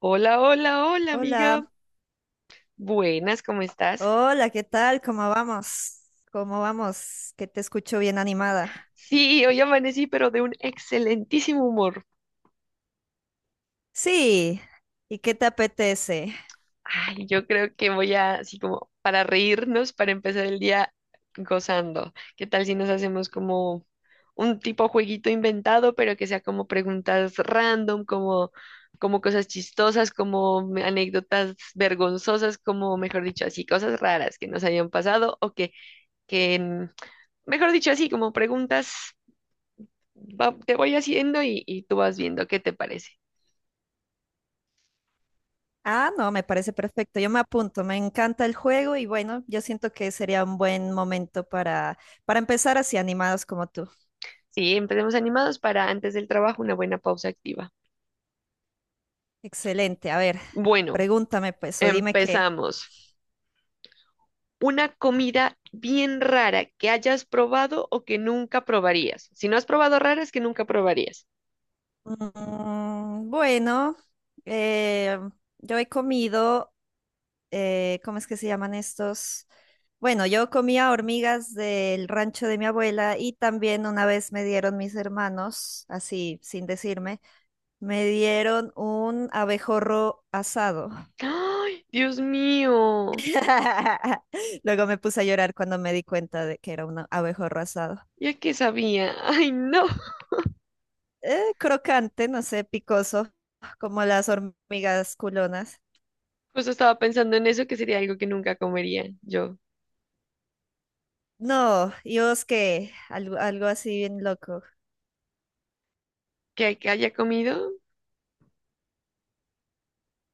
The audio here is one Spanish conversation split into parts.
Hola, hola, hola, amiga. Hola, Buenas, ¿cómo estás? hola, ¿qué tal? ¿Cómo vamos? ¿Cómo vamos? Que te escucho bien animada. Sí, hoy amanecí, pero de un excelentísimo humor. Sí, ¿y qué te apetece? Ay, yo creo que voy a, así como, para reírnos, para empezar el día gozando. ¿Qué tal si nos hacemos como un tipo jueguito inventado, pero que sea como preguntas random, como, cosas chistosas, como anécdotas vergonzosas, como, mejor dicho, así, cosas raras que nos hayan pasado o que, mejor dicho, así, como preguntas. Te voy haciendo y, tú vas viendo qué te parece. Ah, no, me parece perfecto. Yo me apunto, me encanta el juego y bueno, yo siento que sería un buen momento para empezar así animados como tú. Sí, empecemos animados, para antes del trabajo una buena pausa activa. Excelente, a ver, Bueno, pregúntame pues o dime qué. empezamos. Una comida bien rara que hayas probado o que nunca probarías. Si no has probado, raras que nunca probarías. Bueno, eh, yo he comido ¿cómo es que se llaman estos? Bueno, yo comía hormigas del rancho de mi abuela y también una vez me dieron mis hermanos, así sin decirme, me dieron un abejorro asado. ¡Ay, Dios mío! Luego me puse a llorar cuando me di cuenta de que era un abejorro asado. Ya qué sabía. ¡Ay, no! Crocante, no sé, picoso, como las hormigas culonas. Justo estaba pensando en eso, que sería algo que nunca comería yo. No, y vos qué, algo así bien loco. ¿Que haya comido?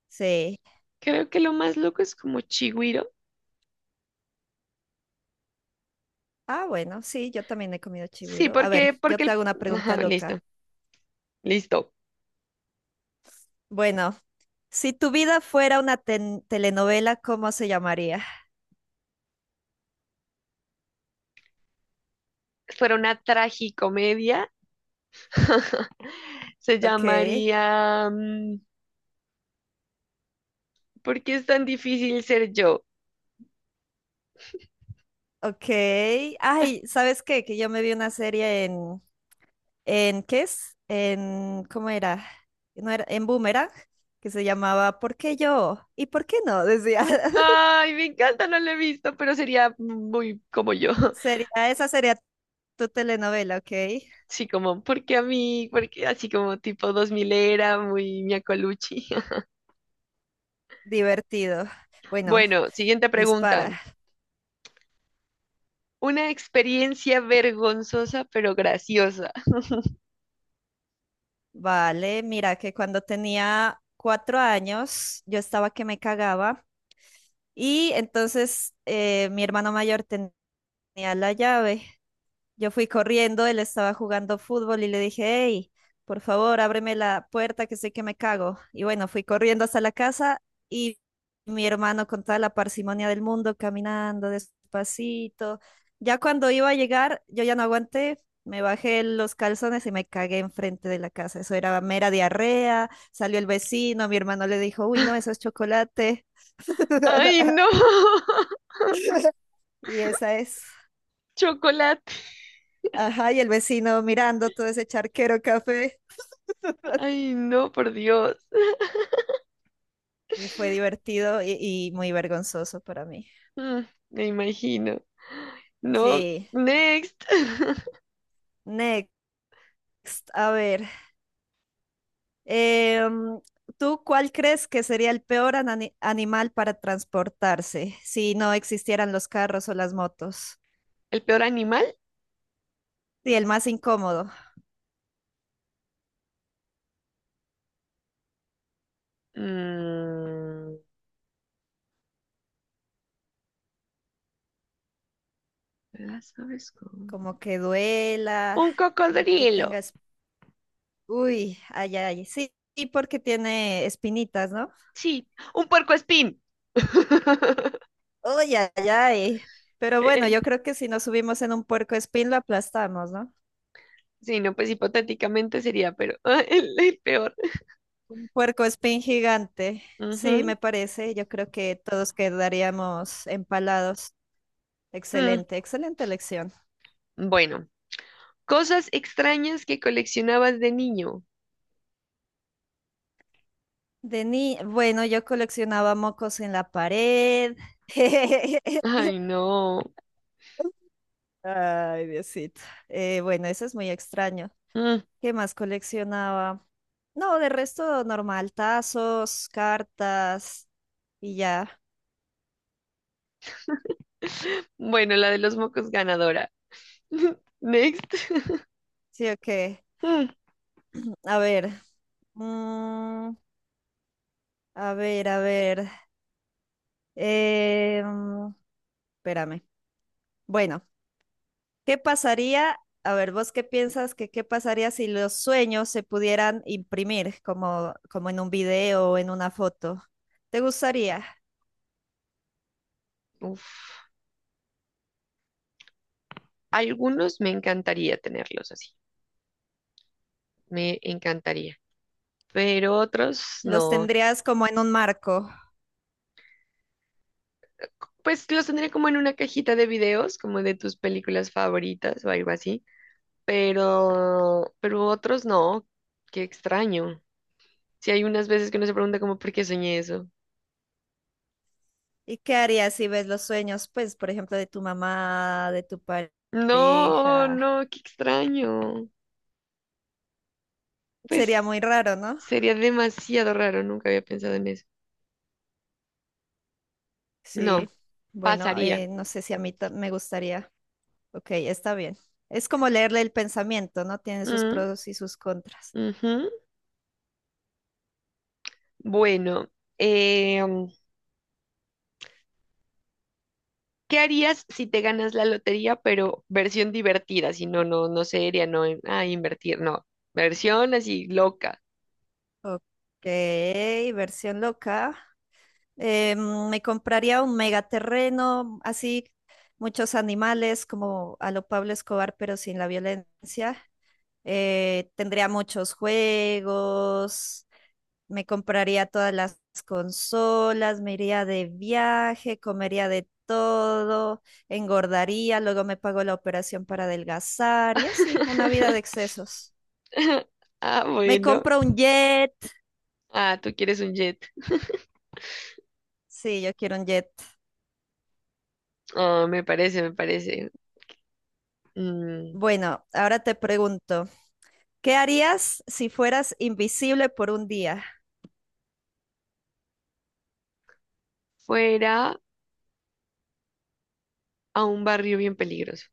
Sí. Creo que lo más loco es como chigüiro. Ah, bueno, sí, yo también he comido Sí, chigüiro. A ver, porque, yo te el... hago una pregunta Ajá, listo. loca. Listo. Bueno, si tu vida fuera una telenovela, ¿cómo se llamaría? Fuera una tragicomedia. Se Ok, llamaría, ¿por qué es tan difícil ser yo? ok. Ay, ¿sabes qué? Que yo me vi una serie en ¿qué es? En, ¿cómo era? No era, en Boomerang, que se llamaba ¿Por qué yo? ¿Y por qué no? Decía. Ay, me encanta, no lo he visto, pero sería muy como yo. Sería, esa sería tu telenovela, ok. Sí, como, ¿por qué a mí? Porque así como tipo 2000 era, muy miacoluchi. Divertido. Bueno, Bueno, siguiente pregunta. dispara. Una experiencia vergonzosa pero graciosa. Vale, mira que cuando tenía 4 años yo estaba que me cagaba y entonces mi hermano mayor tenía la llave, yo fui corriendo, él estaba jugando fútbol y le dije, hey, por favor, ábreme la puerta que sé que me cago. Y bueno, fui corriendo hasta la casa y mi hermano con toda la parsimonia del mundo, caminando despacito. Ya cuando iba a llegar, yo ya no aguanté, me bajé los calzones y me cagué enfrente de la casa. Eso era mera diarrea, salió el vecino, mi hermano le dijo, uy, no, eso es chocolate. Ay, no. Y esa es. Chocolate. Ajá, y el vecino mirando todo ese charquero café. Ay, no, por Dios. Fue divertido y muy vergonzoso para mí. Mm, Me imagino. No, Sí, next. next. A ver, em, ¿tú cuál crees que sería el peor animal para transportarse si no existieran los carros o las motos? ¿El peor animal? Sí, el más incómodo, Mm, las como que duela, un como que cocodrilo. tengas... Uy, ay, ay, sí, y porque tiene espinitas, ¿no? Sí, un puercoespín. Uy, ay, ay. Pero Eh, bueno, yo eh, creo que si nos subimos en un puerco espín lo aplastamos, ¿no? sí, no, pues hipotéticamente sería, pero ah, el peor. Un puerco espín gigante. Sí, Ujú. me parece. Yo creo que todos quedaríamos empalados. Mm, Excelente, excelente elección. Bueno, cosas extrañas que coleccionabas de niño. De ni... Bueno, yo coleccionaba mocos en la pared. Ay, no. Ay, Diosito. Bueno, eso es muy extraño. Mm, ¿Qué más coleccionaba? No, de resto normal, tazos, cartas y ya. Bueno, la de los mocos ganadora. Next. Sí, ok. Mm, A ver. mm, a ver, a ver. Eh, mm, espérame. Bueno, ¿qué pasaría? A ver, ¿vos qué piensas que qué pasaría si los sueños se pudieran imprimir como en un video o en una foto? ¿Te gustaría? Uf. Algunos me encantaría tenerlos así. Me encantaría. Pero otros ¿Los no. tendrías como en un marco? Pues los tendría como en una cajita de videos, como de tus películas favoritas o algo así. Pero otros no. Qué extraño. Si hay unas veces que uno se pregunta como por qué soñé eso. ¿Y qué harías si ves los sueños, pues, por ejemplo, de tu mamá, de tu No, pareja? no, qué extraño. Sería Pues muy raro, ¿no? sería demasiado raro, nunca había pensado en eso. No, Sí. Bueno, pasaría. No sé si a mí me gustaría. Ok, está bien. Es como leerle el pensamiento, ¿no? Tiene sus Mm, pros y sus contras. ujú. Bueno, em, ¿qué harías si te ganas la lotería, pero versión divertida? Si no, no, invertir, no. Versión así loca. Ok, versión loca. Me compraría un megaterreno, así muchos animales como a lo Pablo Escobar, pero sin la violencia. Tendría muchos juegos, me compraría todas las consolas, me iría de viaje, comería de todo, engordaría, luego me pago la operación para adelgazar y así, una vida de excesos. Ah, Me bueno. compro un jet. Ah, tú quieres un jet. Sí, yo quiero un jet. Ah, me parece, me parece. Mm, Bueno, ahora te pregunto, ¿qué harías si fueras invisible por un día? fuera a un barrio bien peligroso.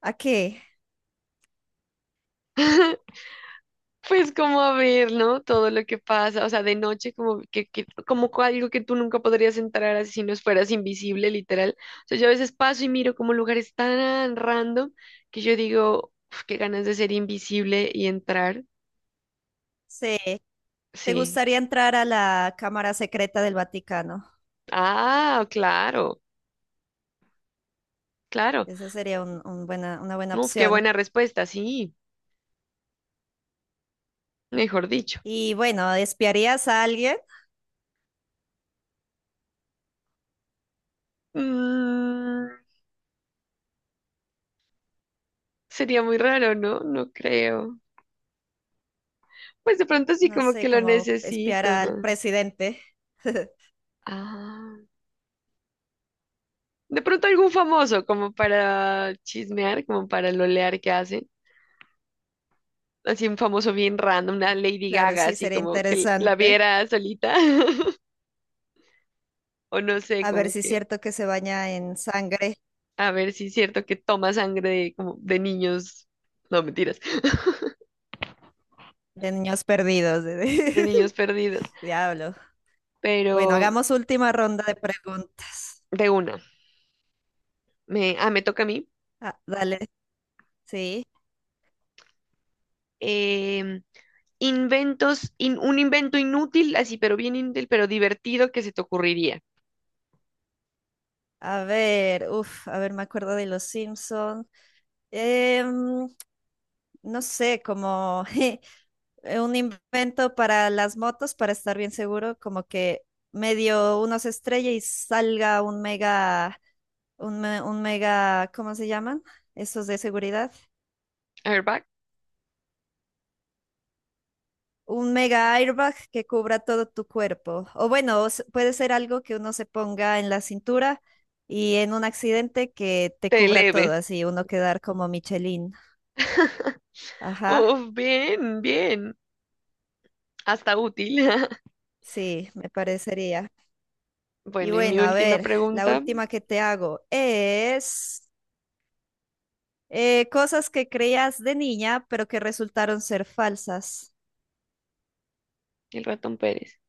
¿A qué? Pues como a ver, ¿no? Todo lo que pasa, o sea, de noche, como que, algo que tú nunca podrías entrar así si no fueras invisible, literal. O sea, yo a veces paso y miro como lugares tan random que yo digo, "Uf, qué ganas de ser invisible y entrar". Sí, ¿te Sí. gustaría entrar a la Cámara Secreta del Vaticano? Ah, claro, claro. Esa sería una buena Uf, qué opción. buena respuesta, sí, mejor dicho. Y bueno, ¿espiarías a alguien? Mm, sería muy raro, ¿no? No creo. Pues de pronto sí, No como que sé, lo como espiar necesito, al ¿no? presidente. Ah. De pronto algún famoso, como para chismear, como para lolear que hacen. Así un famoso bien random, una Lady Claro, Gaga, sí, así sería como que la interesante. viera solita. O no sé, A ver como si es que cierto que se baña en sangre a ver si es cierto que toma sangre de, como de niños, no mentiras, de niños perdidos. de niños perdidos. Diablo. Pero Bueno, hagamos última ronda de preguntas. de una, me, me toca a mí. Ah, dale. Sí, Em, un invento inútil, así, pero bien inútil, pero divertido, que se te ocurriría. a ver, a ver, me acuerdo de Los Simpson. Em, no sé, como un invento para las motos, para estar bien seguro, como que medio uno se estrella y salga un mega, un mega, ¿cómo se llaman? Esos de seguridad. A ver, va, Un mega airbag que cubra todo tu cuerpo. O bueno, puede ser algo que uno se ponga en la cintura y en un accidente que te te cubra leve. todo, así uno quedar como Michelin. Ajá, Uf, bien, bien. Hasta útil. sí, me parecería. Y Bueno, y mi bueno, a última ver, la pregunta, última que te hago es cosas que creías de niña, pero que resultaron ser falsas. el ratón Pérez.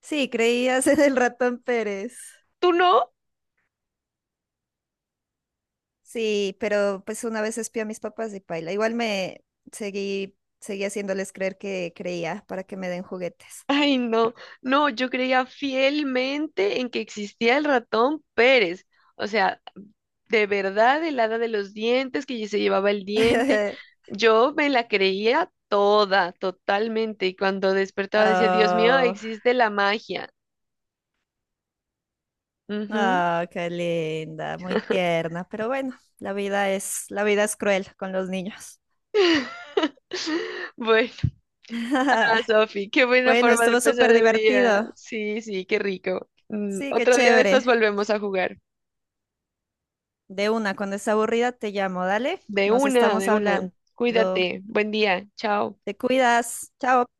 Sí, creías en el ratón Pérez. ¿Tú no? Sí, pero pues una vez espié a mis papás y paila. Igual me seguí haciéndoles creer que creía para que me den juguetes. Ay, no, no, yo creía fielmente en que existía el ratón Pérez. O sea, de verdad, el hada de los dientes, que se llevaba el diente. Yo me la creía toda, totalmente. Y cuando despertaba decía, Dios mío, Oh, existe la magia. Ujú. oh, qué linda, muy tierna, pero bueno, la vida es cruel con los niños. Bueno, ah, Sofi, qué buena Bueno, forma de estuvo súper empezar el día. divertido. Sí, sí, qué rico. Sí, qué Otro día de estas chévere. volvemos a jugar. De una, cuando esté aburrida te llamo, dale. De Nos una, estamos de una. hablando. Cuídate. Buen día. Chao. Te cuidas. Chao.